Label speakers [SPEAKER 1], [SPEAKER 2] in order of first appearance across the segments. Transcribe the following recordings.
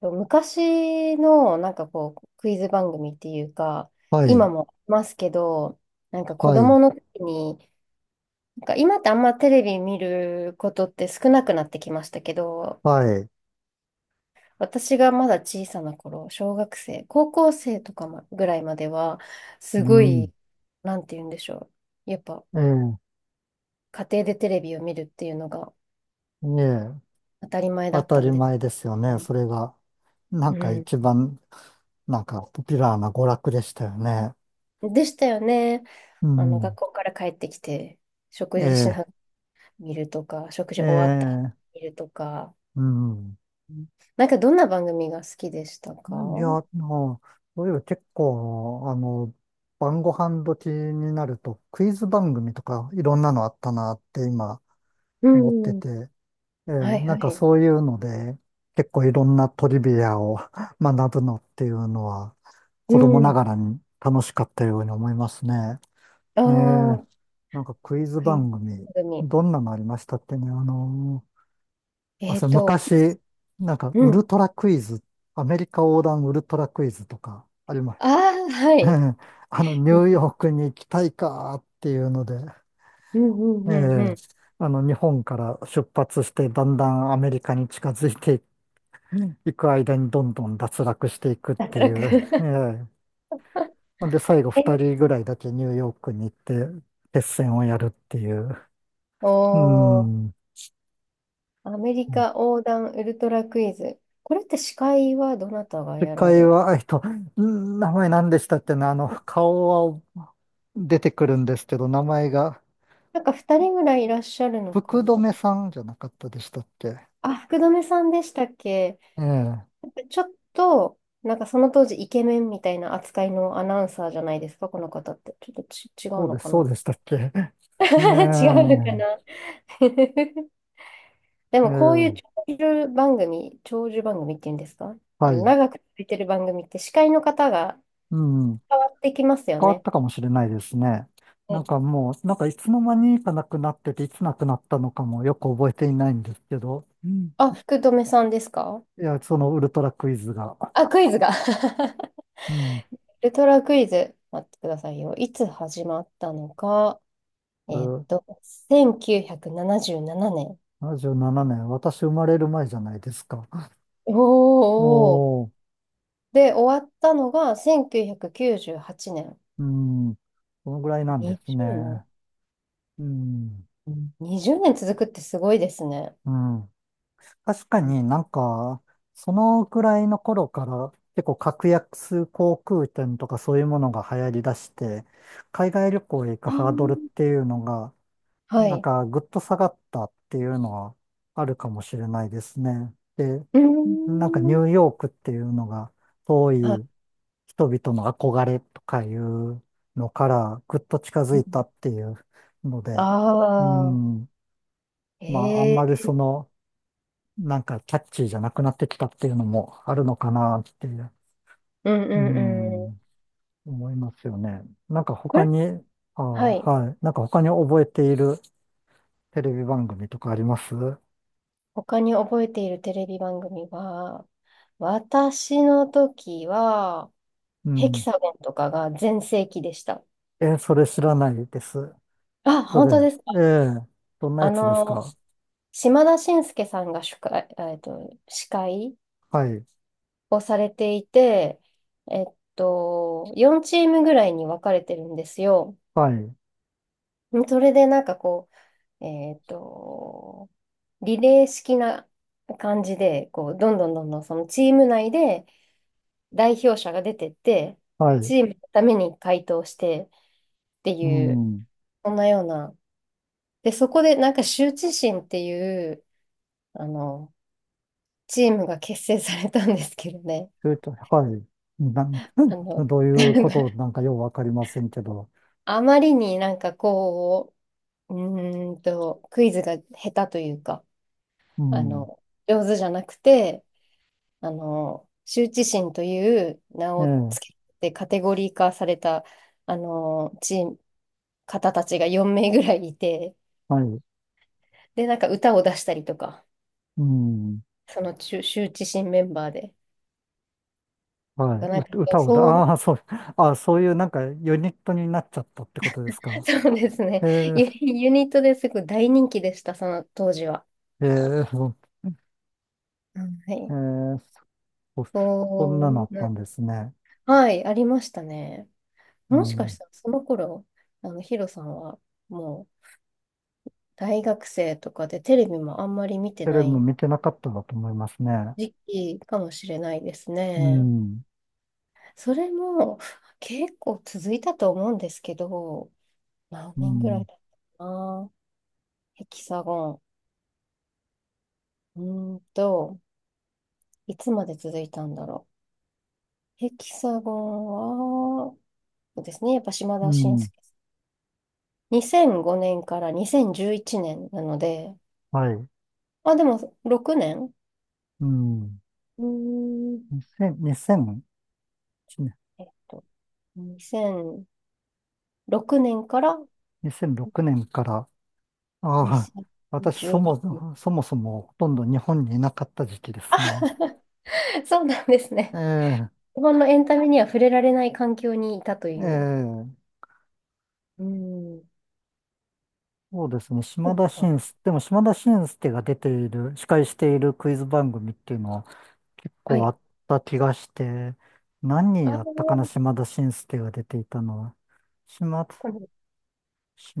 [SPEAKER 1] 昔のなんかこうクイズ番組っていうか、
[SPEAKER 2] はい、
[SPEAKER 1] 今もありますけど、なんか子
[SPEAKER 2] はい、
[SPEAKER 1] 供の時に、なんか今ってあんまテレビ見ることって少なくなってきましたけど、
[SPEAKER 2] はい。
[SPEAKER 1] 私がまだ小さな頃、小学生高校生とかまぐらいまではす
[SPEAKER 2] う
[SPEAKER 1] ご
[SPEAKER 2] ん、
[SPEAKER 1] い、なんて言うんでしょう、やっぱ
[SPEAKER 2] ええ、
[SPEAKER 1] 家庭でテレビを見るっていうのが
[SPEAKER 2] ええ、
[SPEAKER 1] 当たり前だ
[SPEAKER 2] 当
[SPEAKER 1] っ
[SPEAKER 2] た
[SPEAKER 1] たん
[SPEAKER 2] り
[SPEAKER 1] で
[SPEAKER 2] 前ですよ
[SPEAKER 1] す
[SPEAKER 2] ね。
[SPEAKER 1] ね。
[SPEAKER 2] それが、なんか一
[SPEAKER 1] う
[SPEAKER 2] 番、なんかポピュラーな娯楽でしたよね。
[SPEAKER 1] ん、でしたよね。
[SPEAKER 2] う
[SPEAKER 1] あの、学
[SPEAKER 2] ん、
[SPEAKER 1] 校から帰ってきて食事しな
[SPEAKER 2] え
[SPEAKER 1] 見るとか、食
[SPEAKER 2] え、え
[SPEAKER 1] 事終わったら
[SPEAKER 2] え、
[SPEAKER 1] 見るとか。
[SPEAKER 2] うん。
[SPEAKER 1] うん、なんかどんな番組が好きでしたか？
[SPEAKER 2] いや、もう、そういえば結構、晩ご飯時になると、クイズ番組とかいろんなのあったなって今
[SPEAKER 1] う
[SPEAKER 2] 思って
[SPEAKER 1] ん。
[SPEAKER 2] て、ええ、
[SPEAKER 1] はい
[SPEAKER 2] な
[SPEAKER 1] は
[SPEAKER 2] んか
[SPEAKER 1] い。
[SPEAKER 2] そういうので、結構いろんなトリビアを 学ぶのっていうのは、
[SPEAKER 1] う
[SPEAKER 2] 子供な
[SPEAKER 1] ん。
[SPEAKER 2] がらに楽しかったように思いますね。
[SPEAKER 1] ああ、
[SPEAKER 2] ええ、
[SPEAKER 1] は
[SPEAKER 2] なんかクイズ
[SPEAKER 1] い。
[SPEAKER 2] 番組、
[SPEAKER 1] 番組。
[SPEAKER 2] どんなのありましたってね、あ、そう、
[SPEAKER 1] 私。
[SPEAKER 2] 昔、なんか
[SPEAKER 1] う
[SPEAKER 2] ウ
[SPEAKER 1] ん。
[SPEAKER 2] ルトラクイズ、アメリカ横断ウルトラクイズとかあります。
[SPEAKER 1] ああ、はい。
[SPEAKER 2] ニューヨークに行きたいかっていうので、
[SPEAKER 1] うん
[SPEAKER 2] え
[SPEAKER 1] うんうんう
[SPEAKER 2] え、
[SPEAKER 1] ん。
[SPEAKER 2] 日本から出発して、だんだんアメリカに近づいていく行く間にどんどん脱落していくっ
[SPEAKER 1] 脱
[SPEAKER 2] ていう。え
[SPEAKER 1] 落。
[SPEAKER 2] え。ほんで、最後2
[SPEAKER 1] え、
[SPEAKER 2] 人ぐらいだけニューヨークに行って、決戦をやるっていう。
[SPEAKER 1] お
[SPEAKER 2] う
[SPEAKER 1] ー、
[SPEAKER 2] ん。
[SPEAKER 1] アメリカ横断ウルトラクイズ。これって司会はどなたが
[SPEAKER 2] 次
[SPEAKER 1] やら
[SPEAKER 2] 回
[SPEAKER 1] れ、
[SPEAKER 2] は、名前何でしたっけね、顔は出てくるんですけど、名前が、
[SPEAKER 1] なんか2人ぐらいいらっしゃるのか
[SPEAKER 2] 福
[SPEAKER 1] な。
[SPEAKER 2] 留さんじゃなかったでしたっけ？
[SPEAKER 1] あ、福留さんでしたっけ？
[SPEAKER 2] ええ。
[SPEAKER 1] ちょっと、なんかその当時イケメンみたいな扱いのアナウンサーじゃないですか、この方って。ちょっとち、違う
[SPEAKER 2] そう
[SPEAKER 1] の
[SPEAKER 2] です、
[SPEAKER 1] か
[SPEAKER 2] そ
[SPEAKER 1] な？
[SPEAKER 2] うでしたっけ？ え
[SPEAKER 1] 違
[SPEAKER 2] え。
[SPEAKER 1] うのかな？ で
[SPEAKER 2] え
[SPEAKER 1] もこういう
[SPEAKER 2] え。
[SPEAKER 1] 長寿番組、長寿番組っていうんですか？あ
[SPEAKER 2] は
[SPEAKER 1] の、
[SPEAKER 2] い。
[SPEAKER 1] 長く続いてる番組って司会の方が
[SPEAKER 2] うん。
[SPEAKER 1] 変わってきますよ
[SPEAKER 2] 変わっ
[SPEAKER 1] ね。
[SPEAKER 2] たかもしれないですね。なん
[SPEAKER 1] え
[SPEAKER 2] かもう、なんかいつの間にかなくなってて、いつなくなったのかもよく覚えていないんですけど、うん。
[SPEAKER 1] あ、福留さんですか？
[SPEAKER 2] いや、そのウルトラクイズが。
[SPEAKER 1] あ、クイズが。
[SPEAKER 2] うん。
[SPEAKER 1] ウルトラクイズ、待ってくださいよ。いつ始まったのか。
[SPEAKER 2] うん、
[SPEAKER 1] 1977年。
[SPEAKER 2] 77年、私生まれる前じゃないですか？
[SPEAKER 1] おおー。
[SPEAKER 2] おー、
[SPEAKER 1] で、終わったのが1998年。
[SPEAKER 2] うん。このぐらいなんです
[SPEAKER 1] 20年？
[SPEAKER 2] ね。うん。
[SPEAKER 1] 20 年続くってすごいですね。
[SPEAKER 2] うん。確かになんか、そのくらいの頃から結構格安航空券とかそういうものが流行り出して、海外旅行へ行く
[SPEAKER 1] ああ
[SPEAKER 2] ハードルっ
[SPEAKER 1] ー、
[SPEAKER 2] ていうのが、
[SPEAKER 1] は
[SPEAKER 2] なん
[SPEAKER 1] い。
[SPEAKER 2] かぐっと下がったっていうのはあるかもしれないですね。で、
[SPEAKER 1] うー
[SPEAKER 2] なんかニ
[SPEAKER 1] ん。
[SPEAKER 2] ューヨークっていうのが遠
[SPEAKER 1] あ、
[SPEAKER 2] い人々の憧れとかいうのからぐっと近づ
[SPEAKER 1] う。
[SPEAKER 2] いたっていうので、う
[SPEAKER 1] ああ
[SPEAKER 2] ん、まああんま
[SPEAKER 1] ー、
[SPEAKER 2] り
[SPEAKER 1] ええ、
[SPEAKER 2] その、なんかキャッチーじゃなくなってきたっていうのもあるのかなって、
[SPEAKER 1] うんう
[SPEAKER 2] う
[SPEAKER 1] んう
[SPEAKER 2] ん、
[SPEAKER 1] ん。
[SPEAKER 2] 思いますよね。なんか
[SPEAKER 1] こ
[SPEAKER 2] 他
[SPEAKER 1] れ、
[SPEAKER 2] に、あ
[SPEAKER 1] はい。
[SPEAKER 2] ー、はい。なんか他に覚えているテレビ番組とかあります？
[SPEAKER 1] 他に覚えているテレビ番組は、私の時は、
[SPEAKER 2] う
[SPEAKER 1] ヘキ
[SPEAKER 2] ん。
[SPEAKER 1] サゴンとかが全盛期でした。
[SPEAKER 2] え、それ知らないです。
[SPEAKER 1] あ、
[SPEAKER 2] そ
[SPEAKER 1] 本
[SPEAKER 2] れ、
[SPEAKER 1] 当ですか？
[SPEAKER 2] ええ、どんな
[SPEAKER 1] あ
[SPEAKER 2] やつですか？
[SPEAKER 1] の、島田紳介さんが司会、えっと、司会
[SPEAKER 2] はい、
[SPEAKER 1] をされていて、えっ4チームぐらいに分かれてるんですよ。
[SPEAKER 2] はい、
[SPEAKER 1] それでなんかこう、リレー式な感じで、こう、どんどんどんどんそのチーム内で代表者が出てって、
[SPEAKER 2] はい。
[SPEAKER 1] チームのために回答してって
[SPEAKER 2] う
[SPEAKER 1] いう、
[SPEAKER 2] ん。
[SPEAKER 1] そんなような。で、そこでなんか羞恥心っていう、あの、チームが結成されたんですけどね。
[SPEAKER 2] ちょいとはい。
[SPEAKER 1] あの、
[SPEAKER 2] どういうこ となんかようわかりませんけど。
[SPEAKER 1] あまりになんかこう、うクイズが下手というか、
[SPEAKER 2] う
[SPEAKER 1] あ
[SPEAKER 2] ん。
[SPEAKER 1] の、上手じゃなくて、あの、羞恥心という名
[SPEAKER 2] え
[SPEAKER 1] を
[SPEAKER 2] え、
[SPEAKER 1] つけてカテゴリー化された、あの、チーム、方たちが4名ぐらいいて、
[SPEAKER 2] はい。
[SPEAKER 1] で、なんか歌を出したりとか、
[SPEAKER 2] うん。
[SPEAKER 1] その羞羞恥心メンバーで。
[SPEAKER 2] はい。
[SPEAKER 1] なん
[SPEAKER 2] う、
[SPEAKER 1] かそ
[SPEAKER 2] 歌
[SPEAKER 1] う、
[SPEAKER 2] をだ、
[SPEAKER 1] そう、
[SPEAKER 2] ああ、そう、ああ、そういうなんかユニットになっちゃったってことです か？
[SPEAKER 1] そうですね。
[SPEAKER 2] ええ、
[SPEAKER 1] ユニットですごい大人気でした、その当時は。
[SPEAKER 2] ええ、そう
[SPEAKER 1] うん、は
[SPEAKER 2] え
[SPEAKER 1] い。
[SPEAKER 2] ーそ、そんなのあ
[SPEAKER 1] そ
[SPEAKER 2] った
[SPEAKER 1] う、
[SPEAKER 2] んですね。
[SPEAKER 1] はい、ありましたね。
[SPEAKER 2] う
[SPEAKER 1] もしか
[SPEAKER 2] ん。
[SPEAKER 1] したらその頃、あの、ヒロさんはもう大学生とかでテレビもあんまり見て
[SPEAKER 2] テレ
[SPEAKER 1] な
[SPEAKER 2] ビも
[SPEAKER 1] い
[SPEAKER 2] 見てなかったんだと思いますね。
[SPEAKER 1] 時期かもしれないです
[SPEAKER 2] う
[SPEAKER 1] ね。
[SPEAKER 2] ん、
[SPEAKER 1] それも結構続いたと思うんですけど、何
[SPEAKER 2] う
[SPEAKER 1] 年ぐらい
[SPEAKER 2] ん、
[SPEAKER 1] だったかな。ヘキサゴン。いつまで続いたんだろう。ヘキサゴンは、そうですね、やっぱ島
[SPEAKER 2] う
[SPEAKER 1] 田紳
[SPEAKER 2] ん、
[SPEAKER 1] 助さん。2005年から2011年なので、
[SPEAKER 2] はい。
[SPEAKER 1] まあ、でも6年。
[SPEAKER 2] うん。
[SPEAKER 1] うーん
[SPEAKER 2] 2000、2 0
[SPEAKER 1] えっと、2006年から
[SPEAKER 2] 0年、6年から、ああ、私、
[SPEAKER 1] 2011。
[SPEAKER 2] そもそもほとんど日本にいなかった時期ですね。
[SPEAKER 1] そうなんですね。
[SPEAKER 2] え
[SPEAKER 1] 日本のエンタメには触れられない環境にいたと
[SPEAKER 2] え、
[SPEAKER 1] いう。
[SPEAKER 2] ええ、
[SPEAKER 1] うん。
[SPEAKER 2] そうですね。
[SPEAKER 1] そ
[SPEAKER 2] 島
[SPEAKER 1] う
[SPEAKER 2] 田
[SPEAKER 1] か、
[SPEAKER 2] 紳助。でも島田紳助が出ている、司会しているクイズ番組っていうのは結
[SPEAKER 1] は
[SPEAKER 2] 構あ
[SPEAKER 1] い。
[SPEAKER 2] った気がして、何
[SPEAKER 1] ああ、
[SPEAKER 2] やったかな、島田紳助が出ていたのは。島、
[SPEAKER 1] この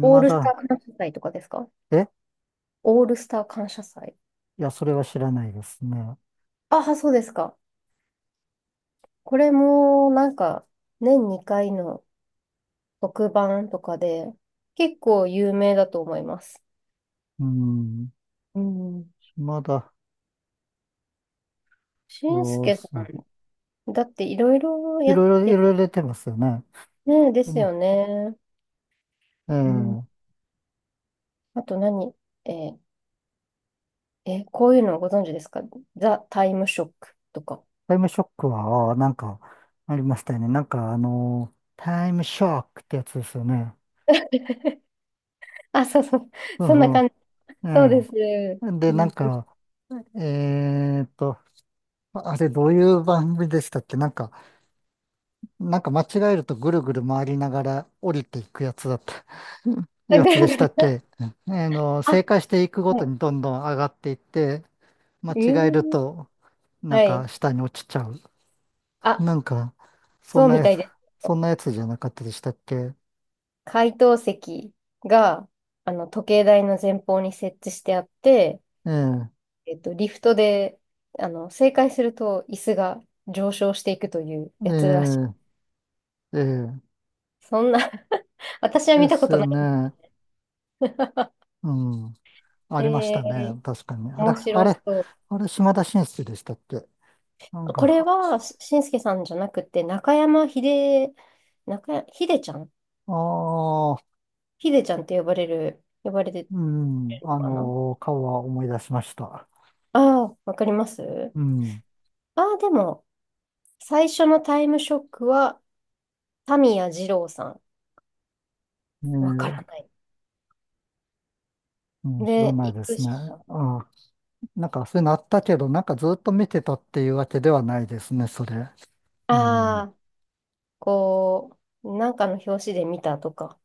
[SPEAKER 1] オールスタ
[SPEAKER 2] 田、
[SPEAKER 1] ー感謝祭とかですか？
[SPEAKER 2] え
[SPEAKER 1] オールスター感謝祭。
[SPEAKER 2] いや、それは知らないですね。
[SPEAKER 1] ああ、そうですか。これも、なんか、年2回の特番とかで、結構有名だと思います。
[SPEAKER 2] うん、
[SPEAKER 1] うん。
[SPEAKER 2] 島田、
[SPEAKER 1] 俊
[SPEAKER 2] そう
[SPEAKER 1] 介さ
[SPEAKER 2] そう。
[SPEAKER 1] ん、だっていろいろ
[SPEAKER 2] い
[SPEAKER 1] や、
[SPEAKER 2] ろいろ、いろいろ出てますよね。
[SPEAKER 1] ねえ、です
[SPEAKER 2] うん、
[SPEAKER 1] よね。
[SPEAKER 2] え
[SPEAKER 1] うん。
[SPEAKER 2] え。
[SPEAKER 1] あと何、えーこういうのご存知ですか？ザ・タイムショックとか。
[SPEAKER 2] タイムショックは、ああなんか、ありましたよね。なんか、タイムショックってやつですよね。
[SPEAKER 1] あ、そうそう。
[SPEAKER 2] そう
[SPEAKER 1] そんな
[SPEAKER 2] そ
[SPEAKER 1] 感じ。
[SPEAKER 2] う。
[SPEAKER 1] そうで
[SPEAKER 2] え
[SPEAKER 1] す。
[SPEAKER 2] え。で、
[SPEAKER 1] う
[SPEAKER 2] なん
[SPEAKER 1] ん。
[SPEAKER 2] か、えーっと、あれどういう番組でしたっけ？なんか、なんか間違えるとぐるぐる回りながら降りていくやつだった、
[SPEAKER 1] あ、
[SPEAKER 2] や
[SPEAKER 1] ぐ
[SPEAKER 2] つ
[SPEAKER 1] る
[SPEAKER 2] でし
[SPEAKER 1] ぐ
[SPEAKER 2] たっ
[SPEAKER 1] る。
[SPEAKER 2] け？うん。
[SPEAKER 1] あ、
[SPEAKER 2] 正解していくごと
[SPEAKER 1] は
[SPEAKER 2] にどんどん上がっていって、間
[SPEAKER 1] い。
[SPEAKER 2] 違えると、なん
[SPEAKER 1] はい。
[SPEAKER 2] か下に落ちちゃう。
[SPEAKER 1] あ、
[SPEAKER 2] なんか、そ
[SPEAKER 1] そ
[SPEAKER 2] ん
[SPEAKER 1] う
[SPEAKER 2] な
[SPEAKER 1] み
[SPEAKER 2] や
[SPEAKER 1] た
[SPEAKER 2] つ、
[SPEAKER 1] いです。
[SPEAKER 2] そんなやつじゃなかったでしたっけ？
[SPEAKER 1] 解答席が、あの、時計台の前方に設置してあって、
[SPEAKER 2] ええ、
[SPEAKER 1] リフトで、あの、正解すると椅子が上昇していくという
[SPEAKER 2] え
[SPEAKER 1] やつらしい。
[SPEAKER 2] え、ええ、
[SPEAKER 1] そんな。 私は
[SPEAKER 2] で
[SPEAKER 1] 見たこ
[SPEAKER 2] す
[SPEAKER 1] とな
[SPEAKER 2] よ
[SPEAKER 1] い。
[SPEAKER 2] ね。うん、あ
[SPEAKER 1] え
[SPEAKER 2] りました
[SPEAKER 1] ー、
[SPEAKER 2] ね。確かに。あれ、
[SPEAKER 1] 面
[SPEAKER 2] あ
[SPEAKER 1] 白
[SPEAKER 2] れ、
[SPEAKER 1] そ
[SPEAKER 2] あれ、島田紳助でしたっけ？なん
[SPEAKER 1] う。これ
[SPEAKER 2] か、
[SPEAKER 1] は、しんすけさんじゃなくて、中山秀、中や、秀ちゃん
[SPEAKER 2] ああ、
[SPEAKER 1] 秀ちゃんって呼ばれる、呼ばれてる
[SPEAKER 2] うん、
[SPEAKER 1] のかな。
[SPEAKER 2] 顔は思い出しました。
[SPEAKER 1] ああー、わかります。
[SPEAKER 2] うん。
[SPEAKER 1] ああー、でも、最初のタイムショックは、タミヤ二郎さん。
[SPEAKER 2] え
[SPEAKER 1] わか
[SPEAKER 2] ー、
[SPEAKER 1] らない。
[SPEAKER 2] うん、知
[SPEAKER 1] で、
[SPEAKER 2] らない
[SPEAKER 1] 行
[SPEAKER 2] で
[SPEAKER 1] く
[SPEAKER 2] すね。
[SPEAKER 1] し、
[SPEAKER 2] あー、なんかそういうのあったけど、なんかずっと見てたっていうわけではないですね、それ。
[SPEAKER 1] あ
[SPEAKER 2] うん。
[SPEAKER 1] あ、こう、なんかの表紙で見たとか、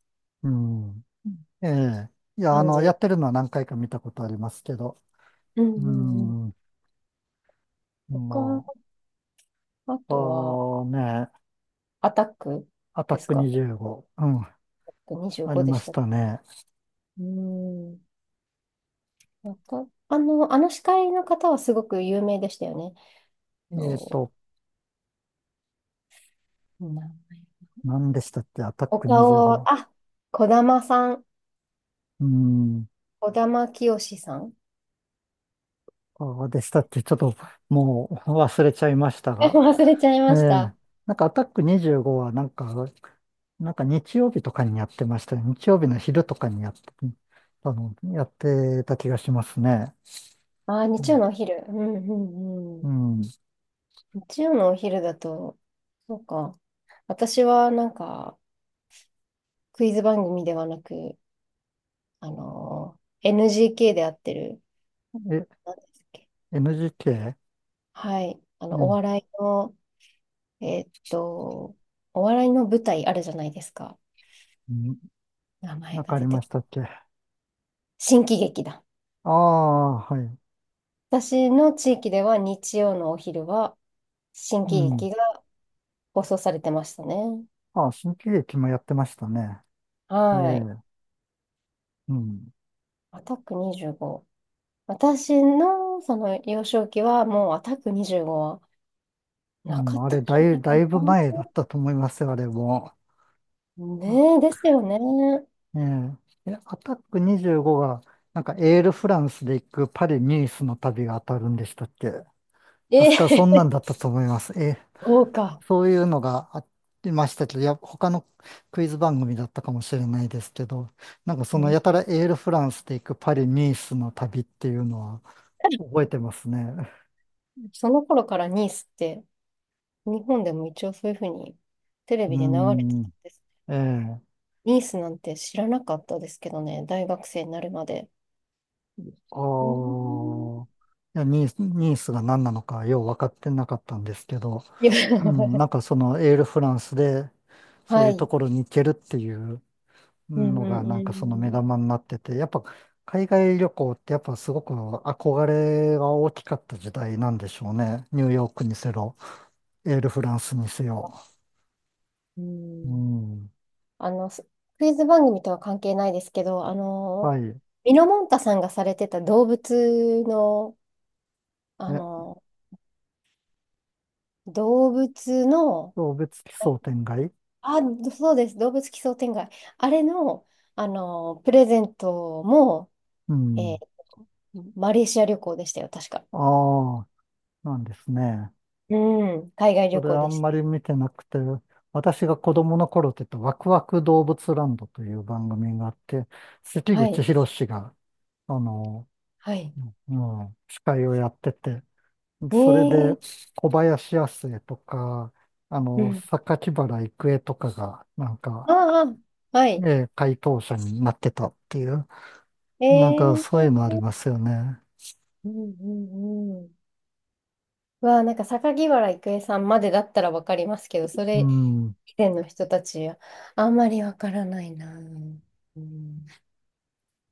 [SPEAKER 2] うん。ええ。いや、
[SPEAKER 1] 感
[SPEAKER 2] や
[SPEAKER 1] じ。
[SPEAKER 2] ってるのは何回か見たことありますけど。
[SPEAKER 1] うん
[SPEAKER 2] う
[SPEAKER 1] うんうん。
[SPEAKER 2] ん。ま
[SPEAKER 1] 他、あ
[SPEAKER 2] あ、
[SPEAKER 1] とは、
[SPEAKER 2] あね、
[SPEAKER 1] アタック、
[SPEAKER 2] アタッ
[SPEAKER 1] です
[SPEAKER 2] ク
[SPEAKER 1] か？
[SPEAKER 2] 25。うん、あり
[SPEAKER 1] 25 で
[SPEAKER 2] ま
[SPEAKER 1] し
[SPEAKER 2] し
[SPEAKER 1] た。
[SPEAKER 2] たね。
[SPEAKER 1] うん。あの、司会の方はすごく有名でしたよね。
[SPEAKER 2] えっ
[SPEAKER 1] と、
[SPEAKER 2] と、
[SPEAKER 1] 名前、
[SPEAKER 2] 何でしたっけ、アタッ
[SPEAKER 1] お
[SPEAKER 2] ク
[SPEAKER 1] 顔
[SPEAKER 2] 25。
[SPEAKER 1] を、あ、児玉さん、
[SPEAKER 2] うん。
[SPEAKER 1] 児玉清さん。
[SPEAKER 2] ああ、でしたっけ？ちょっともう忘れちゃいました
[SPEAKER 1] え、
[SPEAKER 2] が。
[SPEAKER 1] 忘れちゃい
[SPEAKER 2] え
[SPEAKER 1] ま
[SPEAKER 2] え。
[SPEAKER 1] した。
[SPEAKER 2] なんかアタック25はなんか、日曜日とかにやってましたよ。日曜日の昼とかにやって、やってた気がしますね。
[SPEAKER 1] あー、
[SPEAKER 2] う
[SPEAKER 1] 日曜
[SPEAKER 2] ん。
[SPEAKER 1] のお昼。うんうんう
[SPEAKER 2] う
[SPEAKER 1] ん。
[SPEAKER 2] ん、
[SPEAKER 1] 日曜のお昼だと、そうか。私はなんか、クイズ番組ではなく、あのー NGK でやってる、
[SPEAKER 2] え、
[SPEAKER 1] なんですっけ。
[SPEAKER 2] NGK?
[SPEAKER 1] はい。あ
[SPEAKER 2] う
[SPEAKER 1] の、
[SPEAKER 2] ん。
[SPEAKER 1] えーっと、お笑いの舞台あるじゃないですか。
[SPEAKER 2] うん、
[SPEAKER 1] 名前
[SPEAKER 2] なん
[SPEAKER 1] が
[SPEAKER 2] かあ
[SPEAKER 1] 出
[SPEAKER 2] りま
[SPEAKER 1] て、
[SPEAKER 2] したっけ？あ
[SPEAKER 1] 新喜劇だ。
[SPEAKER 2] あ、はい。
[SPEAKER 1] 私の地域では日曜のお昼は新
[SPEAKER 2] う
[SPEAKER 1] 喜
[SPEAKER 2] ん。
[SPEAKER 1] 劇が放送されてましたね。
[SPEAKER 2] ああ、新喜劇もやってましたね。え
[SPEAKER 1] はい。
[SPEAKER 2] え。うん。
[SPEAKER 1] アタック25。私のその幼少期はもうアタック25は
[SPEAKER 2] う
[SPEAKER 1] な
[SPEAKER 2] ん、
[SPEAKER 1] かっ
[SPEAKER 2] あ
[SPEAKER 1] たん
[SPEAKER 2] れ、
[SPEAKER 1] じ
[SPEAKER 2] だ
[SPEAKER 1] ゃな
[SPEAKER 2] い、
[SPEAKER 1] い
[SPEAKER 2] だ
[SPEAKER 1] かな。
[SPEAKER 2] いぶ前だったと思いますよ、あれも。
[SPEAKER 1] ねえ、ですよね。
[SPEAKER 2] ええ、アタック25が、なんかエールフランスで行くパリ・ニースの旅が当たるんでしたっけ？
[SPEAKER 1] え
[SPEAKER 2] 確かそんな
[SPEAKER 1] え。
[SPEAKER 2] んだったと思います。ええ、
[SPEAKER 1] そうか。
[SPEAKER 2] そういうのがありましたけど、いや、他のクイズ番組だったかもしれないですけど、なんか その
[SPEAKER 1] ね、
[SPEAKER 2] やたらエールフランスで行くパリ・ニースの旅っていうのは覚えてますね。
[SPEAKER 1] その頃からニースって日本でも一応そういうふうにテレ
[SPEAKER 2] うー
[SPEAKER 1] ビで流れてた
[SPEAKER 2] ん、
[SPEAKER 1] んです。
[SPEAKER 2] ええ、
[SPEAKER 1] ニースなんて知らなかったですけどね、大学生になるまで。
[SPEAKER 2] あ
[SPEAKER 1] うん。
[SPEAKER 2] あ、いや、ニースが何なのかよう分かってなかったんですけど、
[SPEAKER 1] いや。
[SPEAKER 2] うん、なん かそのエールフランスでそう
[SPEAKER 1] は
[SPEAKER 2] いうと
[SPEAKER 1] い。
[SPEAKER 2] ころに行けるっていう
[SPEAKER 1] う
[SPEAKER 2] の
[SPEAKER 1] ん
[SPEAKER 2] がなんかその目
[SPEAKER 1] うん
[SPEAKER 2] 玉になってて、やっぱ海外旅行ってやっぱすごく憧れが大きかった時代なんでしょうね。ニューヨークにせろ、エールフランスにせよ。
[SPEAKER 1] う
[SPEAKER 2] う
[SPEAKER 1] ん。うん。
[SPEAKER 2] ん。
[SPEAKER 1] あの、クイズ番組とは関係ないですけど、あの、
[SPEAKER 2] はい。
[SPEAKER 1] ミノモンタさんがされてた動物の、あ
[SPEAKER 2] え、
[SPEAKER 1] の、動物の、
[SPEAKER 2] 送別奇想天外？
[SPEAKER 1] あ、そうです、動物奇想天外。あれの、あの、プレゼントも、
[SPEAKER 2] う
[SPEAKER 1] えー
[SPEAKER 2] ん。
[SPEAKER 1] マレーシア旅行でしたよ、確か。
[SPEAKER 2] ああ、なんですね。
[SPEAKER 1] うん、海外
[SPEAKER 2] そ
[SPEAKER 1] 旅
[SPEAKER 2] れ
[SPEAKER 1] 行
[SPEAKER 2] あ
[SPEAKER 1] で
[SPEAKER 2] ん
[SPEAKER 1] し
[SPEAKER 2] まり見てなくて、私が子供の頃って言ったワクワク動物ランドという番組があって、
[SPEAKER 1] た。
[SPEAKER 2] 関
[SPEAKER 1] は
[SPEAKER 2] 口
[SPEAKER 1] い、
[SPEAKER 2] 宏が、あの、
[SPEAKER 1] はい。
[SPEAKER 2] うん、司会をやってて、
[SPEAKER 1] え
[SPEAKER 2] それで
[SPEAKER 1] ー、
[SPEAKER 2] 小林亜星とか、
[SPEAKER 1] うん。
[SPEAKER 2] 榊原郁恵とかが、なんか、
[SPEAKER 1] ああ、はい。
[SPEAKER 2] 回答者になってたっていう、
[SPEAKER 1] え
[SPEAKER 2] なんかそういうの
[SPEAKER 1] ー、
[SPEAKER 2] ありますよね。
[SPEAKER 1] うんうんうん。うわあ、なんか榊原郁恵さんまでだったらわかりますけど、そ
[SPEAKER 2] う
[SPEAKER 1] れ
[SPEAKER 2] ん。
[SPEAKER 1] 以前の人たちはあんまりわからないな。うん